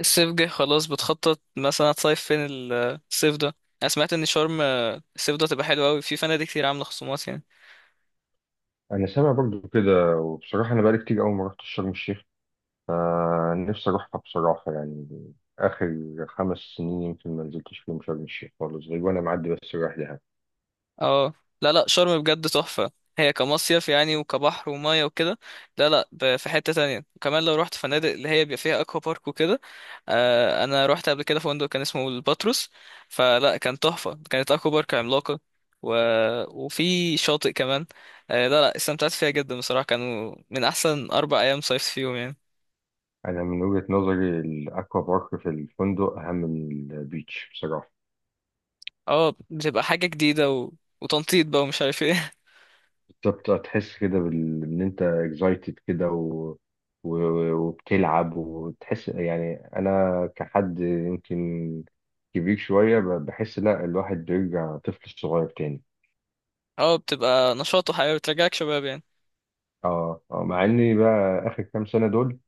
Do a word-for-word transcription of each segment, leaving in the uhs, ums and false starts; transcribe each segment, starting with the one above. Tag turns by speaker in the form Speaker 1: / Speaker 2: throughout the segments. Speaker 1: الصيف جه خلاص، بتخطط مثلا هتصيف فين ال- الصيف ده؟ انا سمعت ان شرم، آه، الصيف ده تبقى حلوه قوي، في فنادق كتير عامله خصومات يعني.
Speaker 2: انا سامع برضو كده، وبصراحه انا بقالي كتير قوي ما رحتش شرم الشيخ. فنفسي اروحها بصراحه يعني. اخر خمس سنين يمكن ما نزلتش فيهم شرم الشيخ خالص، غير وانا معدي بس رايح دهب.
Speaker 1: اه، لا لا شرم بجد تحفه. هي كمصيف يعني، وكبحر وميه وكده. لا لا ب- في حته تانية، وكمان لو رحت فنادق اللي هي بيبقى فيها اكوا بارك وكده. آه، انا رحت قبل كده فندق كان اسمه الباتروس، فلا كان تحفه، كانت اكوا بارك عملاقه و... وفي شاطئ كمان. آه، لا لا، استمتعت فيها جدا بصراحه، كانوا من احسن اربع ايام صيفت فيهم يعني.
Speaker 2: انا من وجهه نظري الاكوا بارك في الفندق اهم من البيتش بصراحه.
Speaker 1: اه بتبقى حاجة جديدة و... وتنطيط بقى ومش عارف ايه.
Speaker 2: بتبقى تحس كده بال... ان انت اكزايتد كده و... و... وبتلعب وتحس، يعني انا كحد يمكن كبير شويه ب- بحس لا الواحد بيرجع طفل صغير تاني.
Speaker 1: اه بتبقى نشاط وحياة بترجعك شباب يعني.
Speaker 2: اه، اه، مع اني بقى اخر كام سنه دول.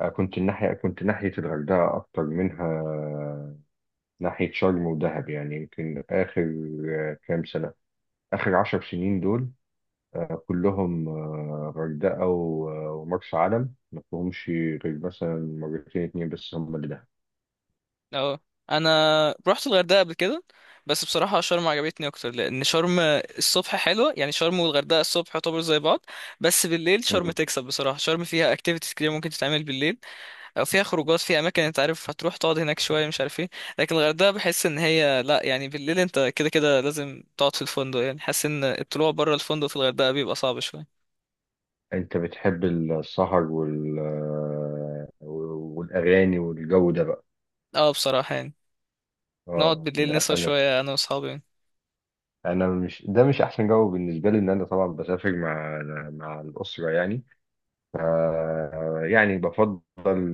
Speaker 2: آه، كنت الناحيه كنت ناحيه الغردقه اكتر منها، ناحيه شرم ودهب، يعني يمكن اخر آه، كام سنه، اخر عشر سنين دول. آه، كلهم آه، غردقه و- آه، ومرسى علم، ما فيهمش غير مثلا مرتين اتنين بس هم اللي دهب.
Speaker 1: اه، انا رحت الغردقة قبل كده، بس بصراحة شرم عجبتني اكتر، لان شرم الصبح حلوة يعني. شرم والغردقة الصبح يعتبر زي بعض، بس بالليل شرم
Speaker 2: مم.
Speaker 1: تكسب بصراحة. شرم فيها اكتيفيتيز كتير ممكن تتعمل بالليل، او فيها خروجات، فيها اماكن انت عارف هتروح تقعد هناك شوية مش عارف ايه. لكن الغردقة بحس ان هي لا يعني، بالليل انت كده كده لازم تقعد في الفندق يعني. حاسس ان الطلوع بره الفندق في الغردقة بيبقى صعب شوية.
Speaker 2: انت بتحب السهر وال آه، والاغاني والجو ده بقى؟
Speaker 1: اه بصراحة يعني، نقعد
Speaker 2: اه،
Speaker 1: بالليل نسهر
Speaker 2: لا،
Speaker 1: شوية أنا وأصحابي يعني.
Speaker 2: انا مش ده مش احسن جو بالنسبه لي، ان انا طبعا بسافر مع مع الاسره يعني. ف يعني بفضل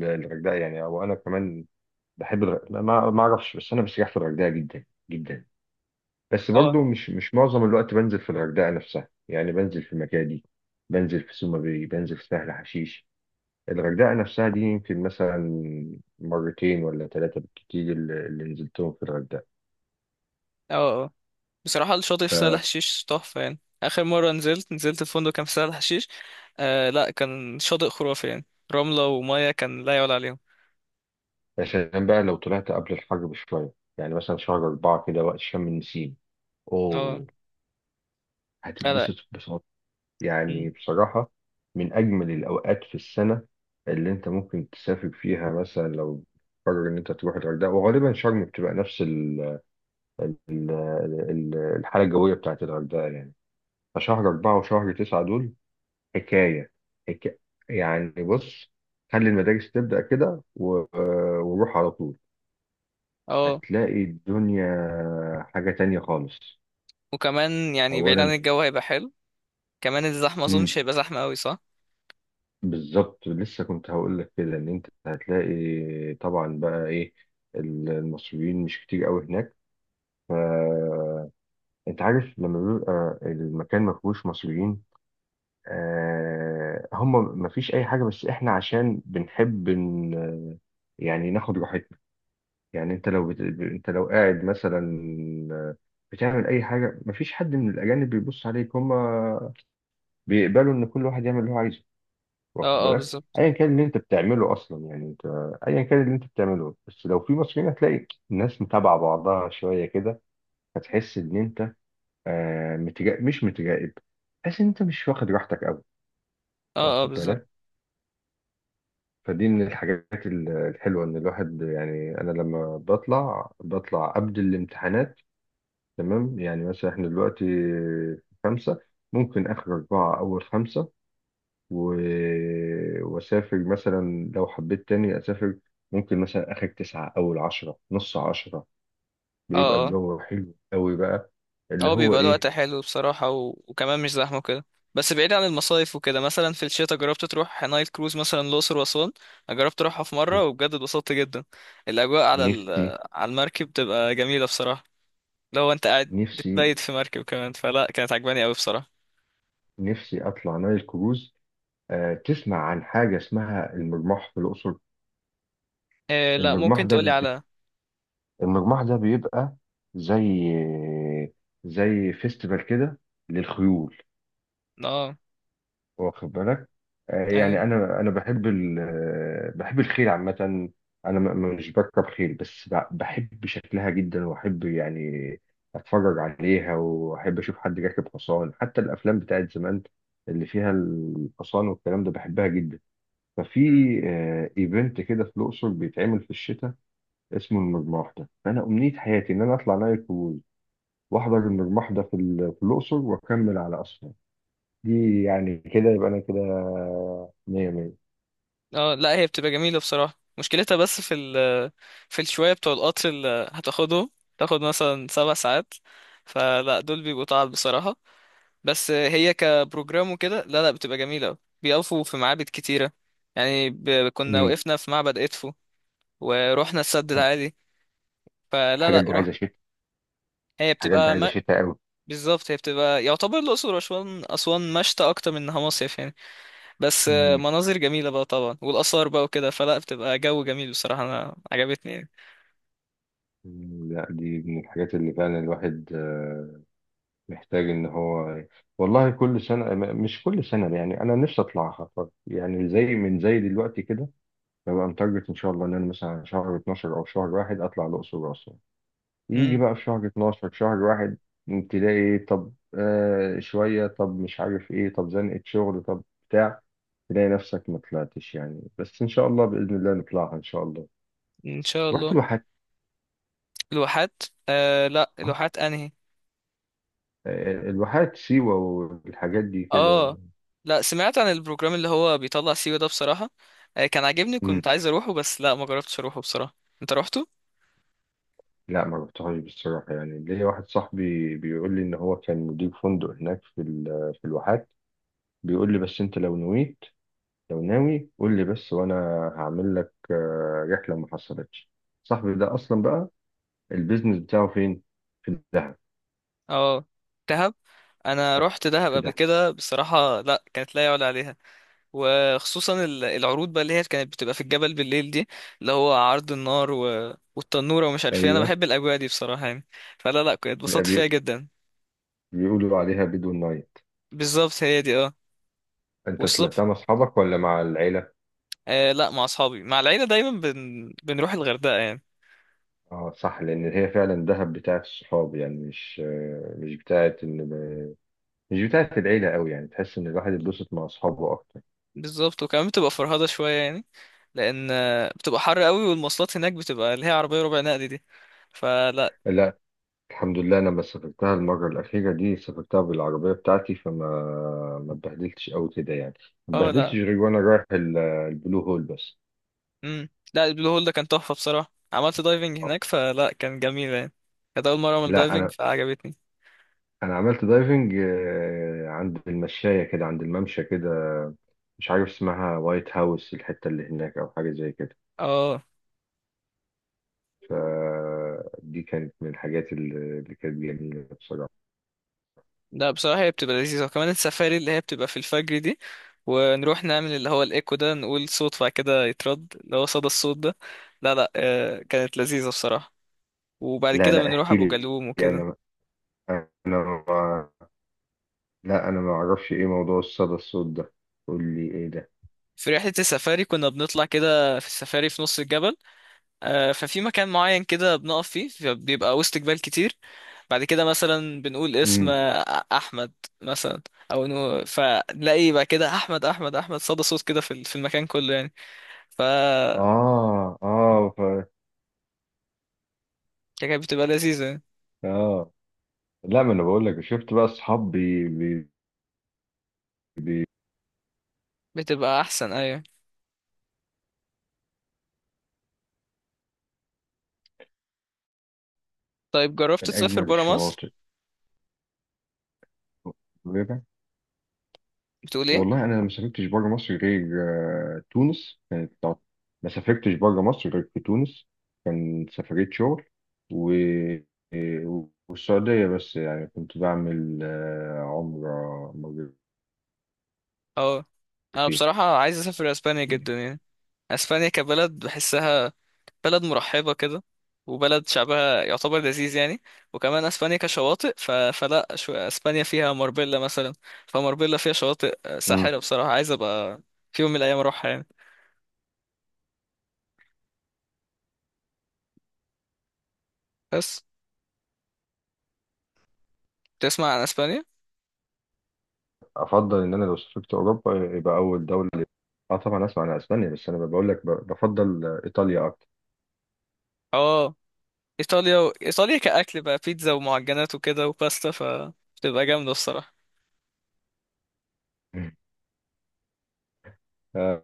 Speaker 2: الغردقه، يعني او انا كمان بحب الغردقه، ما ما اعرفش، بس انا بستريح في الغردقه جدا جدا. بس
Speaker 1: اه
Speaker 2: برضو مش مش معظم الوقت بنزل في الغردقه نفسها، يعني بنزل في مكادي، بنزل في سوما باي، بنزل في سهل حشيش. الغردقه نفسها دي يمكن مثلا مرتين ولا ثلاثه بالكتير اللي اللي نزلتهم في الغردقه.
Speaker 1: اه. اه بصراحة، الشاطئ في سهل حشيش تحفة يعني. آخر مرة نزلت، نزلت الفندق كان في سهل حشيش، آه لا كان شاطئ خرافي يعني، رملة ومية كان لا يعلى عليهم.
Speaker 2: يا سلام بقى لو طلعت قبل الحر بشوية، يعني مثلا شهر أربعة كده وقت شم النسيم.
Speaker 1: اه.
Speaker 2: أوه،
Speaker 1: لا لا.
Speaker 2: هتتبسط ببساطة، يعني
Speaker 1: مم.
Speaker 2: بصراحة، من أجمل الأوقات في السنة اللي أنت ممكن تسافر فيها، مثلا لو قرر إن أنت تروح الغردقة، وغالبا شرم بتبقى نفس ال ال ال الحالة الجوية بتاعت الغردقة يعني. فشهر أربعة وشهر تسعة دول حكاية حكاية. يعني بص، خلي المدارس تبدأ كده و- وروح على طول،
Speaker 1: اه.
Speaker 2: هتلاقي الدنيا حاجة تانية خالص.
Speaker 1: وكمان يعني بعيد عن
Speaker 2: أولا،
Speaker 1: الجو هيبقى حلو. كمان الزحمة أظن
Speaker 2: مم.
Speaker 1: مش هيبقى زحمة أوي، صح؟
Speaker 2: بالظبط، لسه كنت هقول لك كده إن أنت هتلاقي، طبعا بقى إيه، المصريين مش كتير قوي هناك. فأنت عارف لما بيبقى المكان ما فيهوش مصريين، آه هم ما فيش أي حاجة، بس إحنا عشان بنحب إن يعني ناخد راحتنا. يعني أنت لو بت... أنت لو قاعد مثلا بتعمل أي حاجة، مفيش حد من الأجانب بيبص عليك، هما بيقبلوا ان كل واحد يعمل اللي هو عايزه، واخد
Speaker 1: اه اه
Speaker 2: بالك،
Speaker 1: بالظبط.
Speaker 2: ايا كان اللي انت بتعمله اصلا، يعني انت ايا كان اللي انت بتعمله، بس لو في مصريين هتلاقي الناس متابعه بعضها شويه كده. هتحس ان انت آه متجا... مش متجائب، تحس ان انت مش واخد راحتك قوي،
Speaker 1: اه اه
Speaker 2: واخد
Speaker 1: بالظبط.
Speaker 2: بالك. فدي من الحاجات ال- الحلوه ان الواحد، يعني انا لما بطلع بطلع قبل الامتحانات. تمام، يعني مثلا احنا دلوقتي خمسه، ممكن اخر اربعه اول خمسه، و... وأسافر مثلا لو حبيت تاني أسافر، ممكن مثلا آخر تسعة أول عشرة نص عشرة، بيبقى
Speaker 1: اه
Speaker 2: الجو حلو قوي بقى، اللي
Speaker 1: اه،
Speaker 2: هو
Speaker 1: بيبقى الوقت
Speaker 2: إيه.
Speaker 1: حلو بصراحة و... وكمان مش زحمة كده. بس بعيد عن المصايف وكده، مثلا في الشتاء جربت تروح نايل كروز مثلا الأقصر وأسوان؟ أنا جربت أروحها في مرة وبجد اتبسطت جدا. الأجواء على ال...
Speaker 2: نفسي،
Speaker 1: على المركب بتبقى جميلة بصراحة. لو أنت قاعد
Speaker 2: نفسي،
Speaker 1: بتبيت في مركب كمان، فلا كانت عجباني أوي بصراحة.
Speaker 2: نفسي أطلع نايل كروز. آه تسمع عن حاجة اسمها المرماح في الأقصر؟
Speaker 1: إيه؟ لا
Speaker 2: المرماح
Speaker 1: ممكن
Speaker 2: ده
Speaker 1: تقولي
Speaker 2: بي...
Speaker 1: على.
Speaker 2: المرماح ده بيبقى زي زي فيستيفال كده للخيول،
Speaker 1: اه.
Speaker 2: واخد بالك. آه، يعني
Speaker 1: ايوه.
Speaker 2: انا انا بحب ال آه، بحب الخيل عامه. انا م- م- مش بركب خيل، بس ب- بحب شكلها جدا واحب يعني اتفرج عليها واحب اشوف حد راكب حصان، حتى الافلام بتاعت زمان اللي فيها الحصان والكلام ده بحبها جدا. ففي
Speaker 1: مم.
Speaker 2: آه، ايفنت كده في الاقصر بيتعمل في الشتاء اسمه المجموح ده، فانا امنيه حياتي ان انا اطلع نايل كروز واحضر المجموح ده في ال- في الاقصر واكمل على اسوان. دي يعني كده يبقى انا كده مية مية.
Speaker 1: اه لا هي بتبقى جميلة بصراحة، مشكلتها بس في ال... في الشوية بتوع القطر اللي هتاخده، تاخد مثلا سبع ساعات، فلا دول بيبقوا تعب بصراحة. بس هي كبروجرام وكده لا لا بتبقى جميلة أوي. بيقفوا في معابد كتيرة يعني، ب... كنا
Speaker 2: امم،
Speaker 1: وقفنا في معبد إدفو ورحنا السد
Speaker 2: خلاص.
Speaker 1: العالي. فلا
Speaker 2: الحاجات
Speaker 1: لا
Speaker 2: دي
Speaker 1: روح.
Speaker 2: عايزة شتاء،
Speaker 1: هي
Speaker 2: الحاجات دي
Speaker 1: بتبقى
Speaker 2: عايزة
Speaker 1: ما...
Speaker 2: شتاء قوي.
Speaker 1: بالظبط، هي بتبقى يعتبر الأقصر وأسوان، أسوان مشتى أكتر من إنها مصيف يعني. بس
Speaker 2: امم.
Speaker 1: مناظر جميلة بقى طبعا والآثار بقى وكده، فلا بتبقى جو جميل بصراحة، أنا عجبتني يعني.
Speaker 2: أمم، لا دي من الحاجات اللي فعلا الواحد آه، محتاج ان هو، والله كل سنة م- مش كل سنة، يعني انا نفسي اطلعها، طب يعني زي من زي دلوقتي كده، ببقى متارجت ان شاء الله ان انا مثلا شهر اتناشر او شهر واحد اطلع الاقصر واسوان، يجي
Speaker 1: امم.
Speaker 2: بقى في شهر اتناشر شهر واحد، تلاقي إيه، طب آه شوية، طب مش عارف ايه، طب زنقة شغل، طب بتاع تلاقي نفسك ما طلعتش يعني، بس ان شاء الله بإذن الله نطلعها ان شاء الله.
Speaker 1: ان شاء
Speaker 2: رحت
Speaker 1: الله.
Speaker 2: الواحات؟
Speaker 1: لوحات؟ آه لا،
Speaker 2: آه.
Speaker 1: لوحات انهي؟
Speaker 2: آه، الواحات سيوة والحاجات دي كده.
Speaker 1: اه، لا سمعت عن البروجرام اللي هو بيطلع سيوة ده بصراحة، آه، كان عاجبني،
Speaker 2: مم.
Speaker 1: كنت عايز اروحه بس لا ما جربتش اروحه بصراحة. انت روحته؟
Speaker 2: لا، ما رحتهاش بصراحة، يعني ليا واحد صاحبي بيقول لي ان هو كان مدير فندق هناك في ال- في الواحات، بيقول لي بس انت لو نويت، لو ناوي قول لي بس، وانا هعمل لك آه، رحله، ما حصلتش. صاحبي ده اصلا بقى البيزنس بتاعه فين؟ في دهب.
Speaker 1: اه. دهب. انا روحت دهب
Speaker 2: في
Speaker 1: قبل
Speaker 2: دهب،
Speaker 1: كده بصراحة، لا كانت لا يعلى عليها. وخصوصا ال- العروض بقى اللي هي كانت بتبقى في الجبل بالليل دي، اللي هو عرض النار و... والتنورة ومش عارف ايه، انا
Speaker 2: ايوه.
Speaker 1: بحب الاجواء دي بصراحة يعني. فلا لا كنت
Speaker 2: اللي
Speaker 1: اتبسطت فيها
Speaker 2: بي-
Speaker 1: جدا.
Speaker 2: بيقولوا عليها بدو نايت.
Speaker 1: بالظبط هي دي، اه.
Speaker 2: انت
Speaker 1: والصبح،
Speaker 2: طلعتها مع اصحابك ولا مع العيله؟
Speaker 1: آه لا مع اصحابي. مع العيلة دايما بن... بنروح الغردقة يعني.
Speaker 2: اه، صح، لان هي فعلا دهب بتاعت الصحاب، يعني مش آه، مش بتاعت ان مش بتاعت العيله قوي، يعني تحس ان الواحد يتبسط مع اصحابه اكتر.
Speaker 1: بالظبط، وكمان بتبقى فرهضة شوية يعني، لأن آه، بتبقى حر قوي، والمواصلات هناك بتبقى اللي هي عربية ربع نقل دي. فلا
Speaker 2: لا، الحمد لله أنا لما سافرتها المرة الأخيرة دي سافرتها بالعربية بتاعتي، فما ما اتبهدلتش أوي كده يعني. ما
Speaker 1: اه
Speaker 2: اتبهدلتش
Speaker 1: لا.
Speaker 2: غير وأنا رايح ال- البلو هول بس.
Speaker 1: امم. لا البلو هول ده كان تحفة بصراحة، عملت دايفنج
Speaker 2: آه.
Speaker 1: هناك فلا كان جميل يعني. كانت أول مرة أعمل
Speaker 2: لا،
Speaker 1: دايفنج
Speaker 2: أنا
Speaker 1: فعجبتني.
Speaker 2: أنا عملت دايفنج، آه، عند المشاية كده عند الممشى كده، مش عارف اسمها وايت هاوس الحتة اللي هناك، أو حاجة زي كده.
Speaker 1: اه.
Speaker 2: فدي كانت من الحاجات اللي اللي كانت جميلة بصراحة.
Speaker 1: لا بصراحة هي بتبقى لذيذة، وكمان السفاري اللي هي بتبقى في الفجر دي، ونروح نعمل اللي هو الإيكو ده، نقول صوت بعد كده يترد، اللي هو صدى الصوت ده. لا لا، آه، كانت لذيذة بصراحة. وبعد
Speaker 2: لا،
Speaker 1: كده
Speaker 2: لا،
Speaker 1: بنروح
Speaker 2: احكي
Speaker 1: أبو
Speaker 2: لي.
Speaker 1: جالوم
Speaker 2: يعني،
Speaker 1: وكده.
Speaker 2: أنا أنا ما- لا، أنا ما أعرفش إيه موضوع الصدى الصوت ده، قول لي إيه ده.
Speaker 1: في رحلة السفاري كنا بنطلع كده في السفاري في نص الجبل، آه، ففي مكان معين كده بنقف فيه، بيبقى وسط جبال كتير، بعد كده مثلا بنقول اسم،
Speaker 2: امم.
Speaker 1: آه، أحمد مثلا، أو نو، فنلاقي بقى كده أحمد أحمد أحمد صدى صوت كده في ال- في المكان كله يعني. ف
Speaker 2: اه، اه. ف...
Speaker 1: كانت بتبقى لذيذة يعني.
Speaker 2: اه، لا، ما انا بقول لك، شفت بقى اصحاب بي... بي... بي...
Speaker 1: بتبقى أحسن أيوة. طيب جربت
Speaker 2: من
Speaker 1: تسافر
Speaker 2: اجمل
Speaker 1: برا مصر؟
Speaker 2: الشواطئ وكده.
Speaker 1: بتقول إيه؟
Speaker 2: والله انا ما سافرتش بره مصر غير، آه، تونس كانت تع- ما سافرتش بره مصر غير في تونس، كان سفرية شغل، و... والسعودية بس، يعني كنت بعمل آه، عمرة مرتين.
Speaker 1: أه. أنا بصراحة عايز أسافر أسبانيا جدا يعني. أسبانيا كبلد بحسها بلد مرحبة كده، وبلد شعبها يعتبر لذيذ يعني. وكمان اسبانيا كشواطئ، ف... فلا شو... اسبانيا فيها ماربيلا مثلا، فماربيلا فيها شواطئ آه،
Speaker 2: امم.
Speaker 1: ساحرة بصراحة، عايز ابقى في يوم من الايام اروحها يعني. بس تسمع عن اسبانيا؟
Speaker 2: افضل ان انا لو سافرت اوروبا يبقى اول دولة، اه طبعا اسمع عن اسبانيا، بس انا بقول لك ب- بفضل آه، ايطاليا اكتر.
Speaker 1: اه ايطاليا و... ايطاليا كاكل بقى بيتزا ومعجنات وكده وباستا فتبقى جامدة الصراحة.
Speaker 2: مم. آه،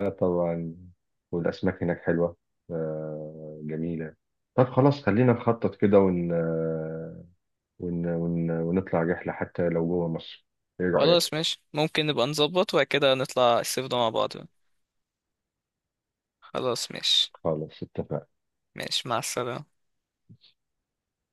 Speaker 2: آه، طبعا، والاسماك هناك حلوه، آه، جميله. طب خلاص خلينا نخطط كده ون... آه، ون... ون... ونطلع رحله حتى لو جوه مصر، ايه
Speaker 1: خلاص
Speaker 2: رايك؟
Speaker 1: ماشي، ممكن نبقى نظبط وبعد كده نطلع الصيف ده مع بعض. خلاص ماشي.
Speaker 2: خلاص، اتفقنا.
Speaker 1: ماشي مع السلامة.